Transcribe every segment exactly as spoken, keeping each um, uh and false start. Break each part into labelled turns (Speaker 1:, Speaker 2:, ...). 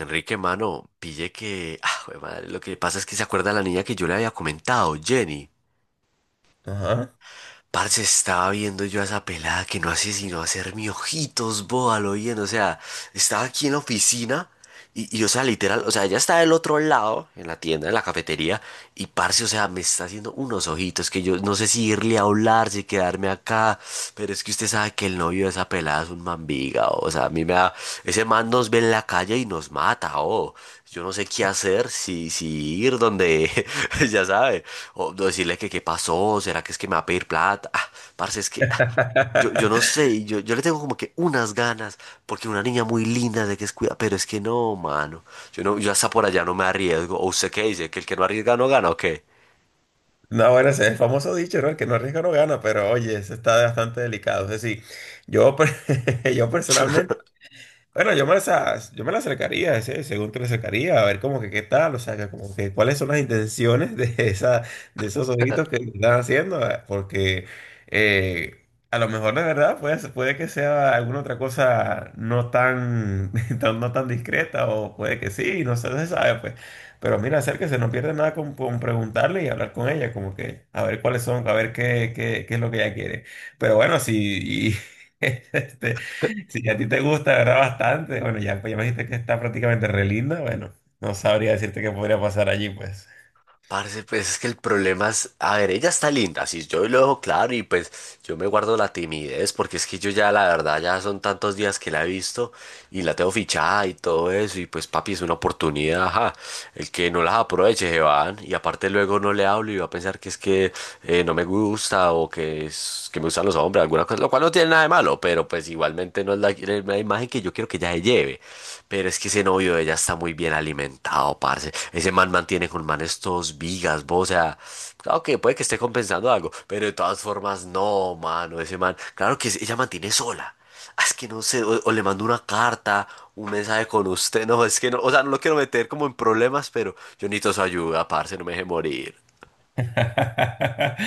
Speaker 1: Enrique, mano, pille que, ah, jue madre, lo que pasa es que se acuerda la niña que yo le había comentado, Jenny.
Speaker 2: Ajá.
Speaker 1: Parce, estaba viendo yo a esa pelada que no hace sino hacerme ojitos, boba, lo bien. O sea, estaba aquí en la oficina y, y, o sea, literal, o sea, ella está del otro lado, en la tienda, en la cafetería, y parce, o sea, me está haciendo unos ojitos que yo no sé si irle a hablar, si quedarme acá, pero es que usted sabe que el novio de esa pelada es un mambiga, o sea, a mí me da, ese man nos ve en la calle y nos mata, oh. Yo no sé qué hacer, si, si ir donde, ya sabe. O decirle que qué pasó, será que es que me va a pedir plata. Ah, parce, es que ah, yo, yo no sé, y yo, yo le tengo como que unas ganas, porque una niña muy linda de que es cuida, pero es que no, mano. Yo no, yo hasta por allá no me arriesgo. ¿O usted qué dice? ¿Que el que no arriesga no gana o qué?
Speaker 2: No, bueno, ese es el famoso dicho, ¿no? El que no arriesga no gana, pero oye, eso está bastante delicado. Es decir, yo, per- yo personalmente. Bueno, yo me las, as- yo me las acercaría, ese- según te la acercaría, a ver como que qué tal, o sea, que como que cuáles son las intenciones de esa, de esos ojitos que le están haciendo, eh, porque eh, a lo mejor de verdad puede, ser- puede que sea alguna otra cosa no tan, tan- no tan discreta, o puede que sí, no sé, se sabe, pues. Pero mira, acérquese, no pierde nada con, con preguntarle y hablar con ella, como que a ver cuáles son, a ver qué, qué, qué es lo que ella quiere. Pero bueno, si... Este, si a ti te gusta, ¿verdad? Bastante. Bueno, ya, pues ya me dijiste que está prácticamente re linda. Bueno, no sabría decirte qué podría pasar allí, pues.
Speaker 1: Parce, pues es que el problema es, a ver, ella está linda, si yo lo dejo claro y pues yo me guardo la timidez porque es que yo ya la verdad ya son tantos días que la he visto y la tengo fichada y todo eso, y pues papi, es una oportunidad, ajá. El que no las aproveche se van, y aparte luego no le hablo y va a pensar que es que eh, no me gusta o que es que me gustan los hombres, alguna cosa, lo cual no tiene nada de malo, pero pues igualmente no es la, la imagen que yo quiero que ella se lleve. Pero es que ese novio de ella está muy bien alimentado, parce. Ese man mantiene con manes todos vigas, vos, o sea, claro que puede que esté compensando algo, pero de todas formas, no, mano, ese man, claro que es- ella mantiene sola. Ah, es que no sé, o, o le mando una carta, un mensaje con usted, no, es que no, o sea, no lo quiero meter como en problemas, pero yo necesito su ayuda, parce, no me deje morir.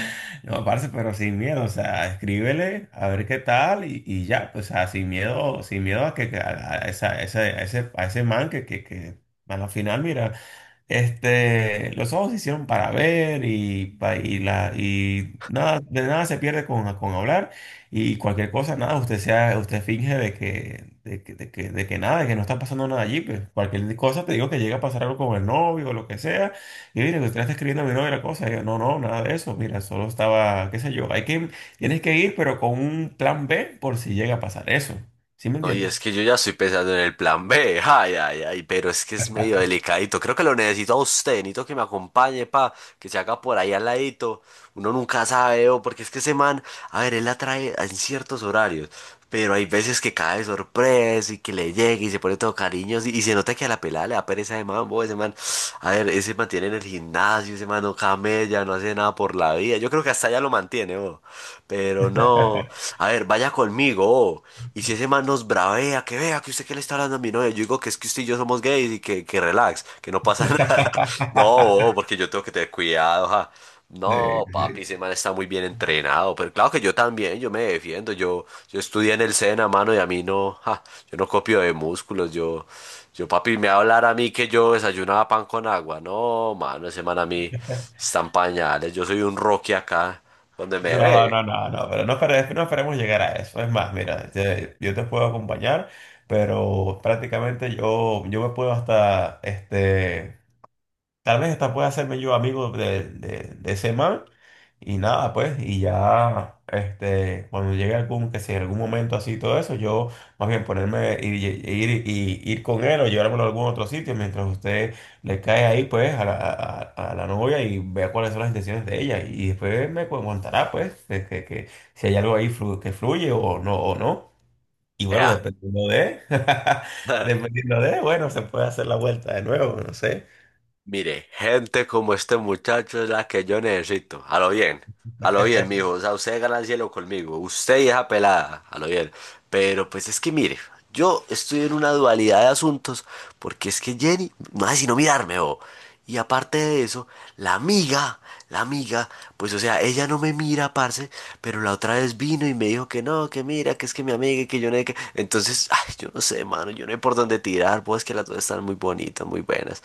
Speaker 2: No, parce, pero sin miedo, o sea, escríbele a ver qué tal y, y ya, pues, o sea, sin miedo, sin miedo a que que a, a esa- ese a ese, a ese man que, que, que a la final, mira. Este, los ojos se hicieron para ver y, pa- y, la, y nada, de nada se pierde con, con hablar y cualquier cosa, nada, usted sea, usted finge de que, de que, de que, de que nada, de que no está pasando nada allí, pues cualquier cosa te digo que llega a pasar algo con el novio o lo que sea, y mire, que usted le está escribiendo a mi novio la cosa, y yo, no, no, nada de eso, mira, solo estaba, qué sé yo, hay que, tienes que ir, pero con un plan B por si llega a pasar eso, ¿sí me
Speaker 1: No, y
Speaker 2: entiendes?
Speaker 1: es que yo ya estoy pensando en el plan B, ay, ay, ay, pero es que es medio delicadito, creo que lo necesito a usted, necesito que me acompañe, pa, que se haga por ahí al ladito uno nunca sabe, o porque es que ese man, a ver, él la trae en ciertos horarios, pero hay veces que cae de sorpresa y que le llega y se pone todo cariñoso y, y se nota que a la pelada le da pereza de mambo, ese man, a ver, ese mantiene en el gimnasio, ese man no camella, no hace nada por la vida, yo creo que hasta ya lo mantiene, bo, pero no, a ver, vaya conmigo, bo, y si ese man nos bravea, que vea que usted que le está hablando a mi novia, yo digo que es que usted y yo somos gays y que, que relax, que no pasa nada, no, bo, porque yo tengo que tener cuidado, ja.
Speaker 2: Sí,
Speaker 1: No, papi,
Speaker 2: sí.
Speaker 1: ese man está muy bien entrenado, pero claro que yo también, yo me defiendo, yo, yo estudié en el SENA, mano, y a mí no, ja, yo no copio de músculos, yo, yo, papi, me va a hablar a mí que yo desayunaba pan con agua, no, mano, ese man a mí están pañales, yo soy un Rocky acá, donde me
Speaker 2: No,
Speaker 1: ve,
Speaker 2: no, no, no, pero no, espere- no esperemos llegar a eso. Es más, mira, te- yo te puedo acompañar, pero prácticamente yo, yo me puedo hasta este, tal vez esta pueda hacerme yo amigo de, de, de ese man y nada, pues, y ya, este, cuando llegue algún, que si en algún momento así todo eso, yo más bien ponerme, ir, y- ir, y- ir con él o llevármelo a algún otro sitio mientras usted le cae ahí, pues, a la, a, a la novia y vea cuáles son las intenciones de ella y después me cu- contará, pues, que, que, que si hay algo ahí flu- que fluye o no, o no. Y bueno,
Speaker 1: ea.
Speaker 2: dependiendo de, dependiendo de, bueno, se puede hacer la vuelta de nuevo, no sé.
Speaker 1: Mire, gente como este muchacho es la que yo necesito. A lo bien, a lo bien, mijo. O sea, usted gana el cielo conmigo. Usted y esa pelada, a lo bien. Pero pues es que mire, yo estoy en una dualidad de asuntos porque es que Jenny no hace sino mirarme, bo. Y aparte de eso, la amiga, la amiga, pues o sea, ella no me mira, parce, pero la otra vez vino y me dijo que no, que mira, que es que mi amiga, y que yo no sé qué. Entonces, ay, yo no sé, mano, yo no sé por dónde tirar, pues que las dos están muy bonitas, muy buenas.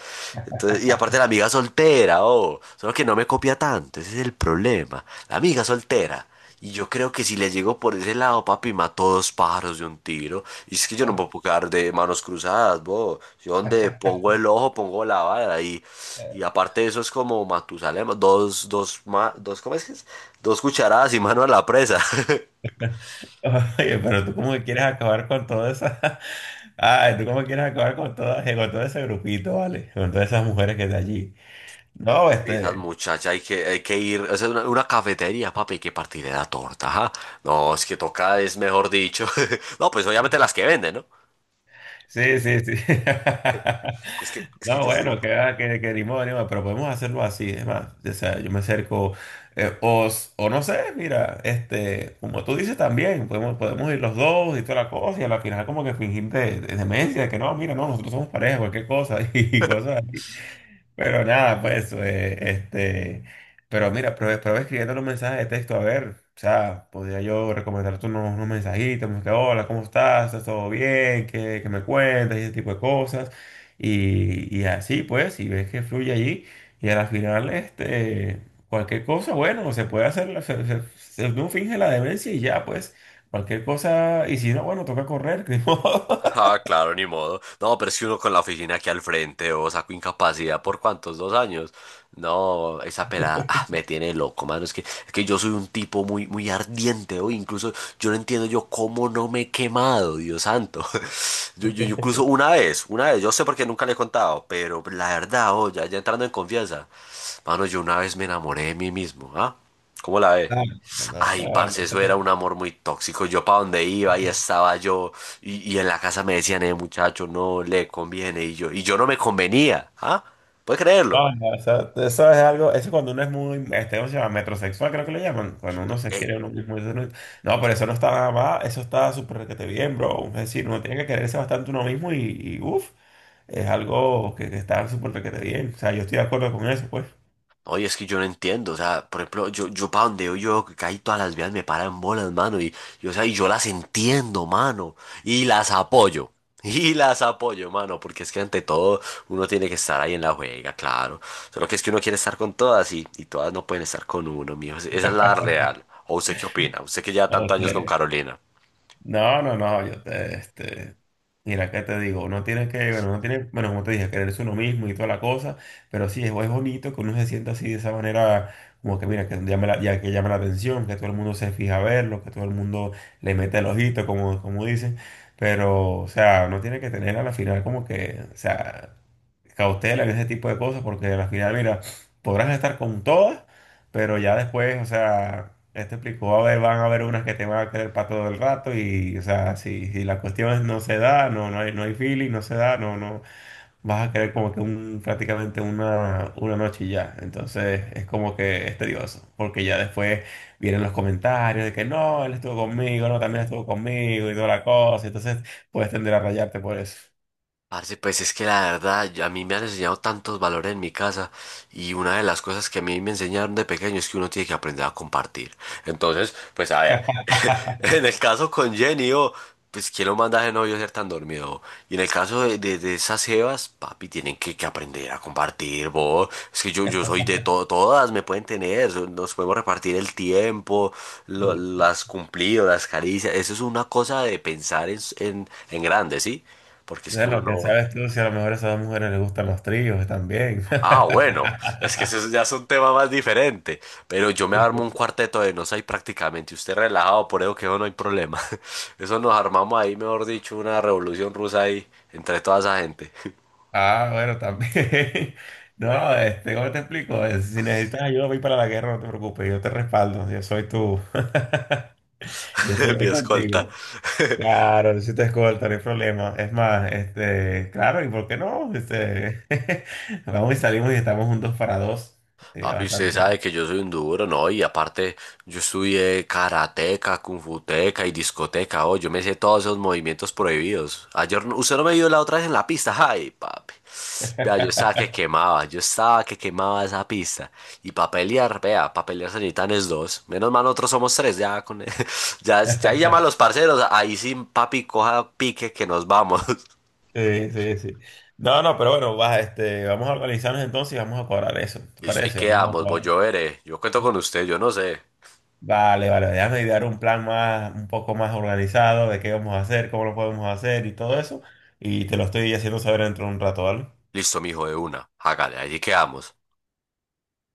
Speaker 1: Entonces, y aparte la amiga soltera, oh, solo que no me copia tanto, ese es el problema. La amiga soltera. Y yo creo que si le llego por ese lado, papi, mató dos pájaros de un tiro. Y es que yo no me puedo quedar de manos cruzadas, bo. Yo donde pongo el ojo, pongo la vara. Y, y aparte eso es como Matusalem, dos, dos, ma- dos, ¿cómo es que es? Dos cucharadas y mano a la presa.
Speaker 2: Oye, pero tú como que quieres acabar con toda esa... Ay, tú como que quieres acabar con toda, eh, con todo ese grupito, ¿vale? Con todas esas mujeres que de allí. No,
Speaker 1: Y esas
Speaker 2: este...
Speaker 1: muchachas, hay que, hay que ir, o sea, una, una cafetería, papi, hay que partir de la torta, ajá. No, es que toca, es mejor dicho. No, pues obviamente las que venden, ¿no?
Speaker 2: Sí, sí, sí.
Speaker 1: Es que, es que
Speaker 2: No,
Speaker 1: yo soy.
Speaker 2: bueno, que, va, que, que ni modo, ni modo, pero podemos hacerlo así, es más. O sea, yo me acerco, eh, o, s- o no sé, mira, este, como tú dices también, podemos, podemos ir los dos y toda la cosa, y a la final como que fingir de, de demencia, que no, mira, no, nosotros somos pareja, cualquier cosa, y cosas. Pero nada, pues, eh, este, pero mira, prueba, prueba escribiendo los mensajes de texto, a ver, o sea, podría yo recomendarte unos, unos mensajitos, como que, hola, ¿cómo estás? ¿Estás todo bien? ¿Qué, qué me cuentas? Y ese tipo de cosas, y, y así, pues, si ves que fluye allí, y a la final, este, cualquier cosa, bueno, se puede hacer, la- se, se- se- uno finge la demencia y ya, pues, cualquier cosa, y si no, bueno, toca correr, que ni modo.
Speaker 1: Ah, claro, ni modo. No, pero es que uno con la oficina aquí al frente, o saco incapacidad por cuántos, dos años. No, esa pelada ah, me tiene loco, mano. Es que, es que yo soy un tipo muy, muy ardiente, o incluso yo no entiendo yo cómo no me he quemado, Dios santo. Yo, yo, yo incluso una vez, una vez, yo sé por qué nunca le he contado, pero la verdad, oh, ya, ya entrando en confianza, mano, yo una vez me enamoré de mí mismo, ¿ah? ¿Cómo la ve?
Speaker 2: Ah, no.
Speaker 1: Ay,
Speaker 2: Ah,
Speaker 1: parce, eso era
Speaker 2: no.
Speaker 1: un amor muy tóxico. Yo para donde iba y estaba yo, y, y en la casa me decían, eh, muchacho, no le conviene, y yo, y yo no me convenía, ¿ah? ¿Puedes creerlo?
Speaker 2: No, no, eso, eso es algo, eso cuando uno es muy, este, ¿cómo se llama? Metrosexual, creo que le llaman, cuando uno se
Speaker 1: Eh,
Speaker 2: quiere uno mismo, eso no, no, pero eso no está nada más, eso está súper requete bien, bro, es decir, uno tiene que quererse bastante uno mismo y, y uff, es algo que, que está súper requete bien, o sea, yo estoy de acuerdo con eso, pues.
Speaker 1: Oye, es que yo no entiendo, o sea, por ejemplo, yo, yo para donde yo, yo veo que casi todas las vías me paran bolas, mano, y, y, o sea, y yo las entiendo, mano, y las apoyo, y las apoyo, mano, porque es que ante todo uno tiene que estar ahí en la juega, claro, solo que es que uno quiere estar con todas y, y todas no pueden estar con uno, mijo, esa es la real, o usted qué opina, usted que lleva tantos
Speaker 2: Ok.
Speaker 1: años con Carolina.
Speaker 2: No, no, no, yo te, este, mira, ¿qué te digo? Uno tiene que, bueno, uno tiene, bueno, como te dije, quererse uno mismo y toda la cosa, pero sí, es, es bonito que uno se sienta así de esa manera, como que mira, que llame la, ya que llama la atención, que todo el mundo se fija a verlo, que todo el mundo le mete el ojito, como, como dicen, pero, o sea, uno tiene que tener a la final como que, o sea, cautela en ese tipo de cosas, porque a la final, mira, podrás estar con todas. Pero ya después, o sea, él te explicó, a ver, van a haber unas que te van a querer para todo el rato y, o sea, si, si la cuestión no se da, no, no hay, no hay feeling, no se da, no, no, vas a querer como que un, prácticamente una, una noche y ya. Entonces es como que es tedioso, porque ya después vienen los comentarios de que no, él estuvo conmigo, no, también estuvo conmigo y toda la cosa. Entonces puedes tender a rayarte por eso.
Speaker 1: Parce, pues es que la verdad, yo- a mí me han enseñado tantos valores en mi casa y una de las cosas que a mí me enseñaron de pequeño es que uno tiene que aprender a compartir. Entonces, pues a ver, en el caso con Jenny, oh, pues ¿quién lo manda a ese novio a ser tan dormido? ¿Oh? Y en el caso de, de- de esas jevas, papi, tienen que, que aprender a compartir, vos. Es que yo, yo soy de todo, todas me pueden tener, so- nos podemos repartir el tiempo, lo-
Speaker 2: Sí.
Speaker 1: las cumplidos, las caricias. Eso es una cosa de pensar en, en, en grande, ¿sí? Porque es que
Speaker 2: De
Speaker 1: uno
Speaker 2: lo que
Speaker 1: no...
Speaker 2: sabes tú, si a lo mejor a esas dos mujeres les gustan los tríos también.
Speaker 1: Ah, bueno, es que eso ya es un tema más diferente. Pero yo me armo un cuarteto de nos ahí prácticamente. Usted relajado, por eso que eso no hay problema. Eso nos armamos ahí, mejor dicho, una revolución rusa ahí entre toda esa gente.
Speaker 2: Ah, bueno, también. No, este, ¿cómo te explico? Eh, Si necesitas ayuda voy para la guerra, no te preocupes, yo te respaldo, yo soy tú, yo estoy
Speaker 1: Mi
Speaker 2: ahí
Speaker 1: escolta.
Speaker 2: contigo. Claro, si te escolta, no hay problema. Es más, este, claro, ¿y por qué no? Este, vamos y salimos y estamos juntos para dos. Sí,
Speaker 1: Papi, usted sabe
Speaker 2: bastante.
Speaker 1: que yo soy un duro, ¿no? Y aparte, yo estudié karateca, kungfuteca y discoteca, oh, yo me sé todos esos movimientos prohibidos. Ayer, no- usted no me vio la otra vez en la pista, ay, papi. Vea, yo estaba que quemaba, yo estaba que quemaba esa pista. Y para pelear, vea, para pelear se necesitan es dos. Menos mal nosotros somos tres, ya con... Ya, ya ahí llama a los parceros, ahí sí, papi, coja pique que nos vamos.
Speaker 2: Sí, sí, sí. No, no, pero bueno, va, este, vamos a organizarnos entonces y vamos a cobrar eso. ¿Te
Speaker 1: Listo, ahí
Speaker 2: parece? Vamos a
Speaker 1: quedamos, voy
Speaker 2: cobrar.
Speaker 1: yo veré. Yo cuento con usted, yo no sé.
Speaker 2: Vale, vale, déjame idear un plan más, un poco más organizado de qué vamos a hacer, cómo lo podemos hacer y todo eso. Y te lo estoy haciendo saber dentro de un rato, ¿vale?
Speaker 1: Listo, mijo, de una. Hágale, allí quedamos.